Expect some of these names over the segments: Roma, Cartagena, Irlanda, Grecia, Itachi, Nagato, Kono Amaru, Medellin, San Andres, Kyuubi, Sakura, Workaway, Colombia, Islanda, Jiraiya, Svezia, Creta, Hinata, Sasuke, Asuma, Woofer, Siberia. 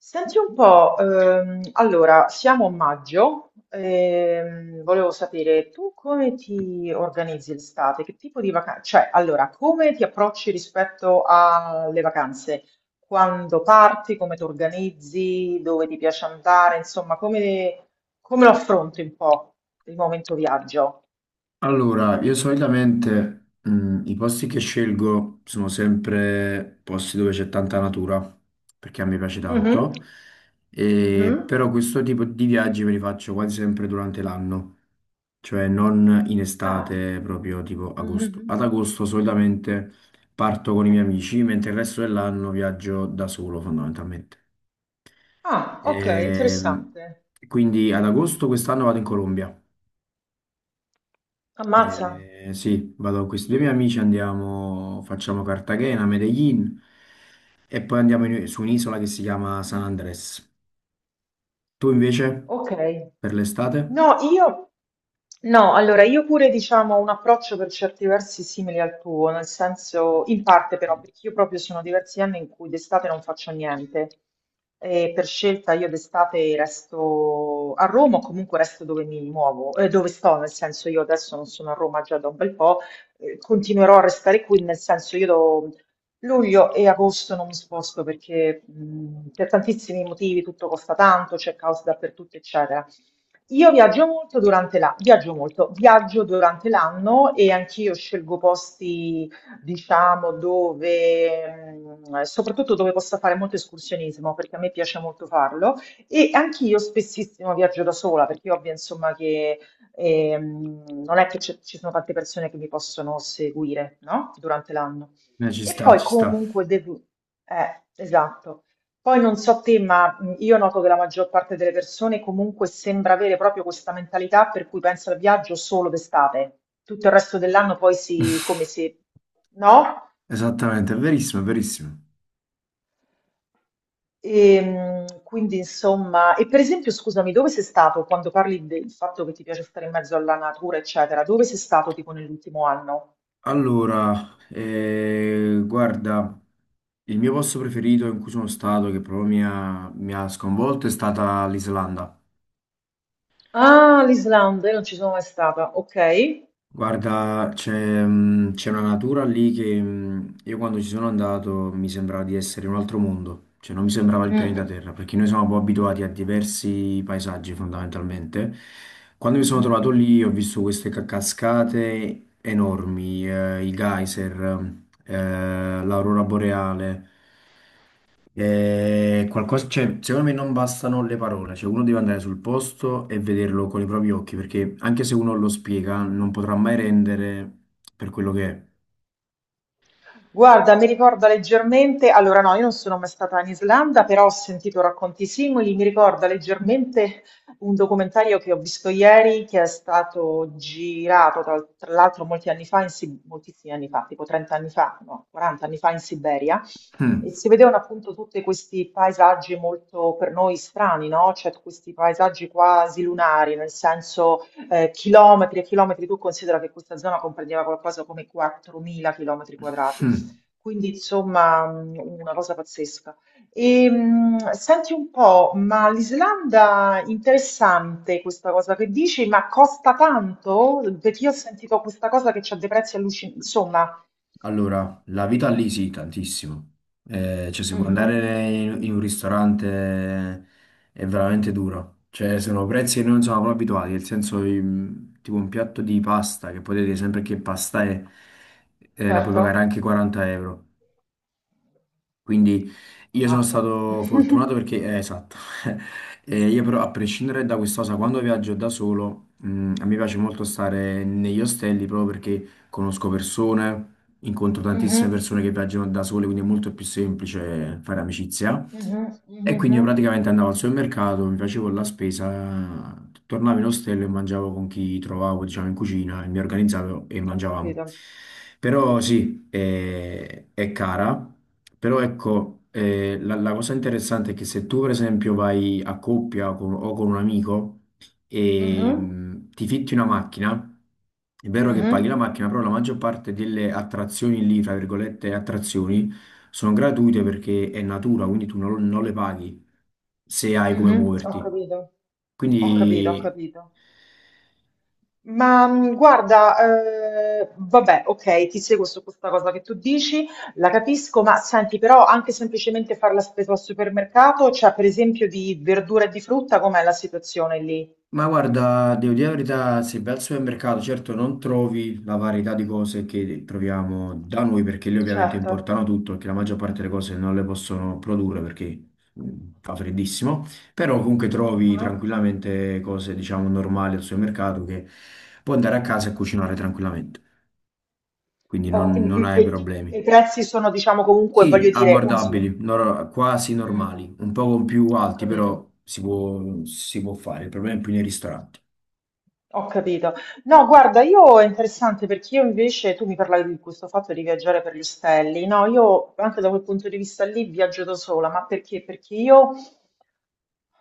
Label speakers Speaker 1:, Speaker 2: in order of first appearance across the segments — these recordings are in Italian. Speaker 1: Senti un po', allora siamo a maggio, volevo sapere tu come ti organizzi l'estate, che tipo di vacanze, cioè allora come ti approcci rispetto alle vacanze, quando parti, come ti organizzi, dove ti piace andare, insomma come lo affronti un po' il momento viaggio?
Speaker 2: Allora, io solitamente i posti che scelgo sono sempre posti dove c'è tanta natura, perché a me piace
Speaker 1: Mhm,
Speaker 2: tanto, e,
Speaker 1: mhm.
Speaker 2: però questo tipo di viaggi me li faccio quasi sempre durante l'anno, cioè non in
Speaker 1: Ah,
Speaker 2: estate, proprio tipo agosto.
Speaker 1: mhm.
Speaker 2: Ad agosto solitamente parto con i miei amici, mentre il resto dell'anno viaggio da solo fondamentalmente.
Speaker 1: Ah, ok,
Speaker 2: Ehm,
Speaker 1: interessante.
Speaker 2: quindi ad agosto quest'anno vado in Colombia.
Speaker 1: Ammazza.
Speaker 2: Sì, vado con questi due miei amici, andiamo, facciamo Cartagena, Medellin e poi su un'isola che si chiama San Andres. Tu invece,
Speaker 1: Ok.
Speaker 2: per l'estate?
Speaker 1: No, io no, allora io pure diciamo ho un approccio per certi versi simile al tuo, nel senso in parte, però perché io proprio sono diversi anni in cui d'estate non faccio niente e per scelta io d'estate resto a Roma, o comunque resto dove mi muovo, dove sto, nel senso io adesso non sono a Roma già da un bel po', continuerò a restare qui, nel senso luglio e agosto non mi sposto, perché per tantissimi motivi tutto costa tanto, c'è caos dappertutto, eccetera. Io viaggio molto viaggio molto, viaggio durante l'anno, e anch'io scelgo posti, diciamo, dove, soprattutto dove possa fare molto escursionismo, perché a me piace molto farlo. E anch'io spessissimo viaggio da sola, perché io ovvio, insomma, che non è che ci sono tante persone che mi possono seguire, no? Durante l'anno.
Speaker 2: Ci
Speaker 1: E
Speaker 2: sta,
Speaker 1: poi
Speaker 2: ci sta.
Speaker 1: comunque devo... esatto. Poi non so te, ma io noto che la maggior parte delle persone comunque sembra avere proprio questa mentalità per cui pensa al viaggio solo d'estate. Tutto il resto dell'anno poi si... come se... no?
Speaker 2: Esattamente, è verissimo, è verissimo.
Speaker 1: E, quindi insomma... E per esempio, scusami, dove sei stato quando parli del fatto che ti piace stare in mezzo alla natura, eccetera? Dove sei stato tipo nell'ultimo anno?
Speaker 2: Allora, guarda, il mio posto preferito in cui sono stato, che proprio mi ha sconvolto, è stata l'Islanda.
Speaker 1: Ah, l'Islanda, io non ci sono mai stata. Ok.
Speaker 2: Guarda, c'è una natura lì che io quando ci sono andato mi sembrava di essere in un altro mondo, cioè non mi sembrava il
Speaker 1: Mm,
Speaker 2: pianeta
Speaker 1: mm,
Speaker 2: Terra, perché noi siamo un po' abituati a diversi paesaggi fondamentalmente. Quando mi sono
Speaker 1: mhm.
Speaker 2: trovato lì ho visto queste cascate enormi, i geyser, l'aurora boreale. Qualcosa, cioè, secondo me non bastano le parole, cioè uno deve andare sul posto e vederlo con i propri occhi, perché anche se uno lo spiega, non potrà mai rendere per quello che è.
Speaker 1: Guarda, mi ricorda leggermente, allora no, io non sono mai stata in Islanda, però ho sentito racconti simili, mi ricorda leggermente un documentario che ho visto ieri, che è stato girato tra l'altro molti anni fa, moltissimi anni fa, tipo 30 anni fa, no, 40 anni fa, in Siberia, e
Speaker 2: Mm.
Speaker 1: si vedevano appunto tutti questi paesaggi molto per noi strani, no? Cioè questi paesaggi quasi lunari, nel senso chilometri e chilometri, tu considera che questa zona comprendeva qualcosa come 4.000 chilometri quadrati. Quindi insomma una cosa pazzesca. E, senti un po', ma l'Islanda, interessante questa cosa che dici, ma costa tanto? Perché io ho sentito questa cosa che c'ha dei prezzi allucinanti, insomma.
Speaker 2: Allora, la vita lì sì, tantissimo. Cioè, se vuoi
Speaker 1: Mhm,
Speaker 2: in un ristorante è veramente duro. Cioè, sono prezzi che noi non siamo proprio abituati, nel senso, tipo un piatto di pasta, che potete dire sempre che pasta è, la puoi pagare
Speaker 1: certo,
Speaker 2: anche 40 euro. Quindi io sono
Speaker 1: ammazza.
Speaker 2: stato fortunato perché, esatto, io però a prescindere da questa cosa, quando viaggio da solo, a me piace molto stare negli ostelli proprio perché conosco persone, incontro tantissime
Speaker 1: Mhm,
Speaker 2: persone che viaggiano da sole, quindi è molto più semplice fare amicizia.
Speaker 1: mhm,
Speaker 2: E
Speaker 1: mhm,
Speaker 2: quindi io
Speaker 1: mhm.
Speaker 2: praticamente andavo al supermercato, mi facevo la spesa, tornavo in ostello e mangiavo con chi trovavo, diciamo, in cucina, e mi organizzavo e
Speaker 1: Ho
Speaker 2: mangiavamo.
Speaker 1: capito.
Speaker 2: Però sì, è cara, però ecco, la cosa interessante è che se tu per esempio vai a o con un amico, e
Speaker 1: Mhm,
Speaker 2: ti fitti una macchina, è vero che paghi la
Speaker 1: mhm,
Speaker 2: macchina, però la maggior parte delle attrazioni lì, tra virgolette, attrazioni, sono gratuite perché è natura, quindi tu non, non le paghi se hai come
Speaker 1: mhm. Ho
Speaker 2: muoverti.
Speaker 1: capito. Ho capito, ho
Speaker 2: Quindi...
Speaker 1: capito. Ma guarda, vabbè, ok, ti seguo su questa cosa che tu dici, la capisco, ma senti, però anche semplicemente fare la spesa al supermercato, cioè per esempio di verdura e di frutta, com'è la situazione lì?
Speaker 2: Ma guarda, devo dire la verità, se vai al supermercato, certo non trovi la varietà di cose che troviamo da noi, perché lì ovviamente
Speaker 1: Certo.
Speaker 2: importano tutto, perché la maggior parte delle cose non le possono produrre perché mh, fa freddissimo, però comunque trovi
Speaker 1: Mhm.
Speaker 2: tranquillamente cose, diciamo, normali al supermercato che puoi andare a casa e cucinare tranquillamente, quindi
Speaker 1: Oh,
Speaker 2: non hai
Speaker 1: e, i
Speaker 2: problemi.
Speaker 1: prezzi sono, diciamo, comunque,
Speaker 2: Sì,
Speaker 1: voglio dire, uno su...
Speaker 2: abbordabili, quasi
Speaker 1: Mm,
Speaker 2: normali, un po' più
Speaker 1: ho
Speaker 2: alti,
Speaker 1: capito.
Speaker 2: però si può fare, il problema è più nei ristoranti.
Speaker 1: Ho capito. No, guarda, io è interessante, perché io invece, tu mi parlavi di questo fatto di viaggiare per gli stelli, no, io anche da quel punto di vista lì viaggio da sola, ma perché? Perché io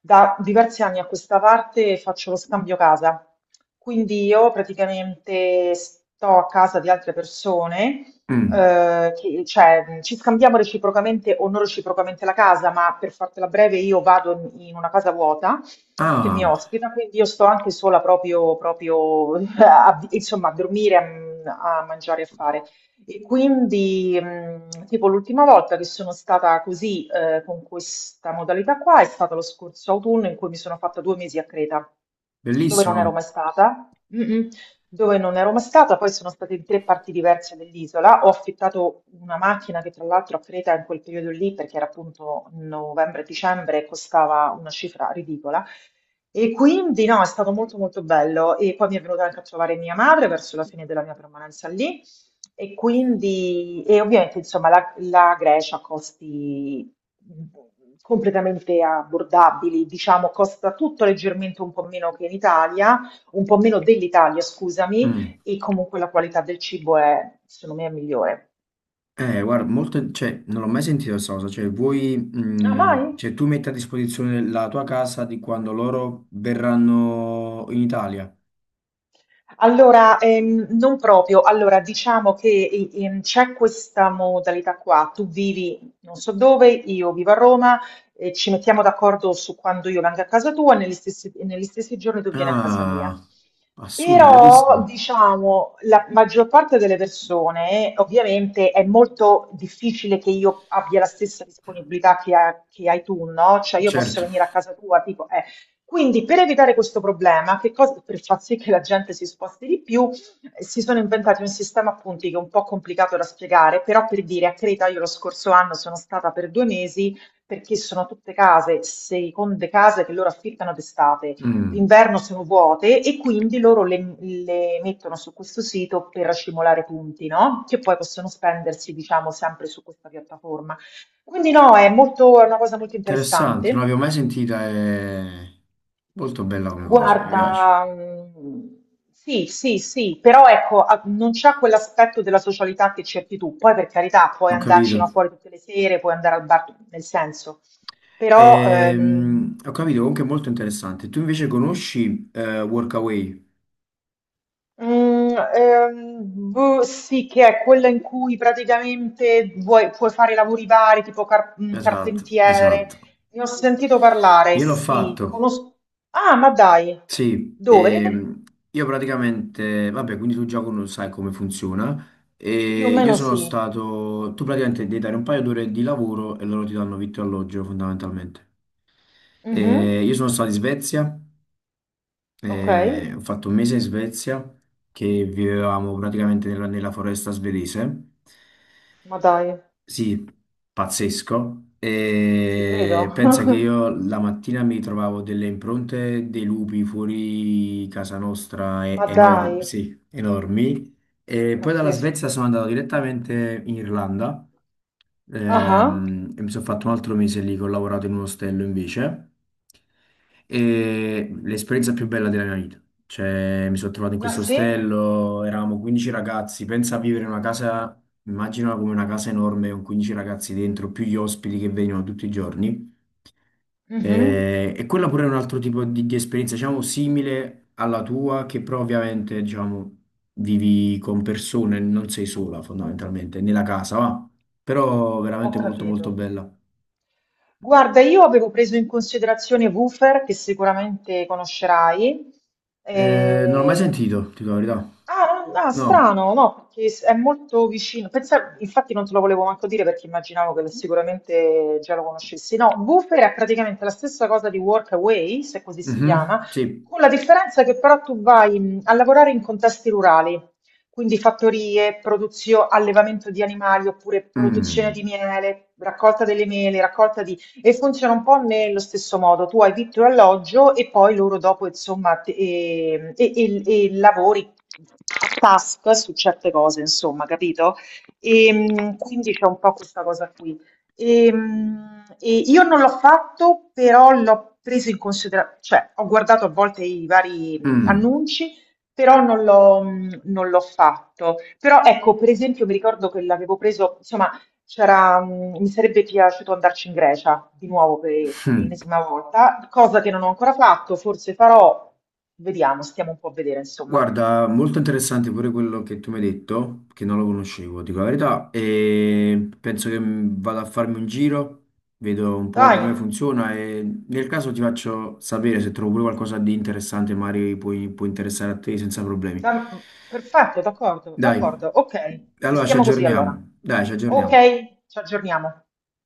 Speaker 1: da diversi anni a questa parte faccio lo scambio casa, quindi io praticamente sto a casa di altre persone,
Speaker 2: Mm.
Speaker 1: cioè ci scambiamo reciprocamente o non reciprocamente la casa, ma per fartela breve io vado in una casa vuota che mi
Speaker 2: Ah,
Speaker 1: ospita, quindi io sto anche sola proprio insomma, a dormire, a mangiare e a fare. E quindi, tipo l'ultima volta che sono stata così, con questa modalità qua, è stato lo scorso autunno, in cui mi sono fatta due mesi a Creta, dove non ero
Speaker 2: bellissimo.
Speaker 1: mai stata, Mm-mm. Dove non ero mai stata, poi sono stata in tre parti diverse dell'isola, ho affittato una macchina che, tra l'altro, a Creta in quel periodo lì, perché era appunto novembre-dicembre, costava una cifra ridicola. E quindi no, è stato molto molto bello, e poi mi è venuta anche a trovare mia madre verso la fine della mia permanenza lì. E quindi, e ovviamente insomma la Grecia ha costi completamente abbordabili, diciamo costa tutto leggermente un po' meno che in Italia, un po' meno dell'Italia, scusami,
Speaker 2: Mm.
Speaker 1: e comunque la qualità del cibo è, secondo me, è migliore.
Speaker 2: Guarda, molto, cioè, non l'ho mai sentito questa cosa. Cioè, vuoi,
Speaker 1: Ah,
Speaker 2: mm,
Speaker 1: mai?
Speaker 2: cioè, tu metti a disposizione la tua casa di quando loro verranno in Italia.
Speaker 1: Allora, non proprio. Allora, diciamo che c'è questa modalità qua. Tu vivi non so dove, io vivo a Roma, e ci mettiamo d'accordo su quando io vengo a casa tua e negli stessi giorni tu vieni a casa mia.
Speaker 2: Ah, assurdo,
Speaker 1: Però,
Speaker 2: bellissimo.
Speaker 1: diciamo, la maggior parte delle persone, ovviamente, è molto difficile che io abbia la stessa disponibilità che hai tu, no? Cioè, io posso
Speaker 2: Certo.
Speaker 1: venire a casa tua, tipo, quindi per evitare questo problema, che cosa, per far sì che la gente si sposti di più, si sono inventati un sistema a punti che è un po' complicato da spiegare, però per dire, a Creta io lo scorso anno sono stata per due mesi, perché sono tutte case, seconde case che loro affittano d'estate,
Speaker 2: Mm,
Speaker 1: d'inverno sono vuote, e quindi loro le mettono su questo sito per accumulare punti, no? Che poi possono spendersi, diciamo, sempre su questa piattaforma. Quindi no, è molto, è una cosa molto
Speaker 2: interessante, non
Speaker 1: interessante.
Speaker 2: l'avevo mai sentita. È molto bella come cosa, mi piace.
Speaker 1: Guarda, sì, sì, sì, però ecco, non c'è quell'aspetto della socialità che cerchi tu. Poi, per carità, puoi
Speaker 2: Ho
Speaker 1: andarci, no,
Speaker 2: capito.
Speaker 1: fuori tutte le sere, puoi andare al bar, nel senso. Però,
Speaker 2: Ho capito, comunque è molto interessante. Tu invece conosci Workaway?
Speaker 1: mm, ehm, boh, sì, che è quella in cui praticamente vuoi, puoi fare lavori vari, tipo
Speaker 2: Esatto,
Speaker 1: carpentiere.
Speaker 2: esatto.
Speaker 1: Ne ho sentito parlare,
Speaker 2: Io l'ho
Speaker 1: sì,
Speaker 2: fatto.
Speaker 1: conosco. Ah, ma dai,
Speaker 2: Sì,
Speaker 1: dove?
Speaker 2: io praticamente, vabbè, quindi tu già non sai come funziona.
Speaker 1: Più o
Speaker 2: E io
Speaker 1: meno
Speaker 2: sono
Speaker 1: sì.
Speaker 2: stato, tu praticamente devi dare un paio d'ore di lavoro e loro ti danno vitto e alloggio fondamentalmente.
Speaker 1: Mhm.
Speaker 2: E io sono stato in Svezia,
Speaker 1: Ok.
Speaker 2: e ho fatto un mese in Svezia che vivevamo praticamente nella foresta svedese
Speaker 1: Ma dai,
Speaker 2: sì, pazzesco.
Speaker 1: ci credo.
Speaker 2: E pensa che io la mattina mi trovavo delle impronte dei lupi fuori casa nostra,
Speaker 1: Ma dai,
Speaker 2: enormi, sì, enormi. E poi dalla
Speaker 1: pazzesco.
Speaker 2: Svezia sono andato direttamente in Irlanda
Speaker 1: Ah, ah,
Speaker 2: e mi sono fatto un altro mese lì che ho lavorato in un ostello invece. E l'esperienza più bella della mia vita. Cioè, mi sono trovato in
Speaker 1: ah
Speaker 2: questo
Speaker 1: sì?
Speaker 2: ostello, eravamo 15 ragazzi, pensa a vivere in una casa. Immaginala come una casa enorme con 15 ragazzi dentro, più gli ospiti che vengono tutti i giorni.
Speaker 1: Mhm.
Speaker 2: E quella pure è un altro tipo di esperienza, diciamo, simile alla tua, che però ovviamente, diciamo, vivi con persone, non sei sola fondamentalmente, nella casa, va. Però
Speaker 1: Ho
Speaker 2: veramente molto molto
Speaker 1: capito.
Speaker 2: bella.
Speaker 1: Guarda, io avevo preso in considerazione Woofer, che sicuramente conoscerai,
Speaker 2: Non l'ho mai
Speaker 1: eh,
Speaker 2: sentito, ti dico la verità.
Speaker 1: Ah, no, no,
Speaker 2: No.
Speaker 1: strano, no, perché è molto vicino. Infatti non te lo volevo manco dire, perché immaginavo che sicuramente già lo conoscessi. No, Woofer è praticamente la stessa cosa di Workaway, se così si
Speaker 2: Mhm,
Speaker 1: chiama,
Speaker 2: sì.
Speaker 1: con la differenza che però tu vai a lavorare in contesti rurali, quindi fattorie, produzione, allevamento di animali oppure produzione di
Speaker 2: Mm.
Speaker 1: miele, raccolta delle mele, raccolta di... E funziona un po' nello stesso modo. Tu hai vitto e alloggio e poi loro dopo, insomma, e lavori task su certe cose, insomma, capito? E, quindi c'è un po' questa cosa qui. E io non l'ho fatto, però l'ho preso in considerazione, cioè ho guardato a volte i vari
Speaker 2: Mm.
Speaker 1: annunci, però non l'ho fatto. Però ecco, per esempio, mi ricordo che l'avevo preso, insomma, c'era, mi sarebbe piaciuto andarci in Grecia di nuovo per l'ennesima volta, cosa che non ho ancora fatto, forse farò, vediamo, stiamo un po' a vedere, insomma.
Speaker 2: Guarda, molto interessante pure quello che tu mi hai detto, che non lo conoscevo, dico la verità, e penso che mm, vado a farmi un giro, vedo un po'
Speaker 1: Dai,
Speaker 2: come funziona e nel caso ti faccio sapere se trovo pure qualcosa di interessante, può interessare a te senza problemi.
Speaker 1: perfetto, d'accordo,
Speaker 2: Dai,
Speaker 1: d'accordo, ok,
Speaker 2: allora ci
Speaker 1: restiamo così allora.
Speaker 2: aggiorniamo, dai, ci
Speaker 1: Ok,
Speaker 2: aggiorniamo.
Speaker 1: ci aggiorniamo.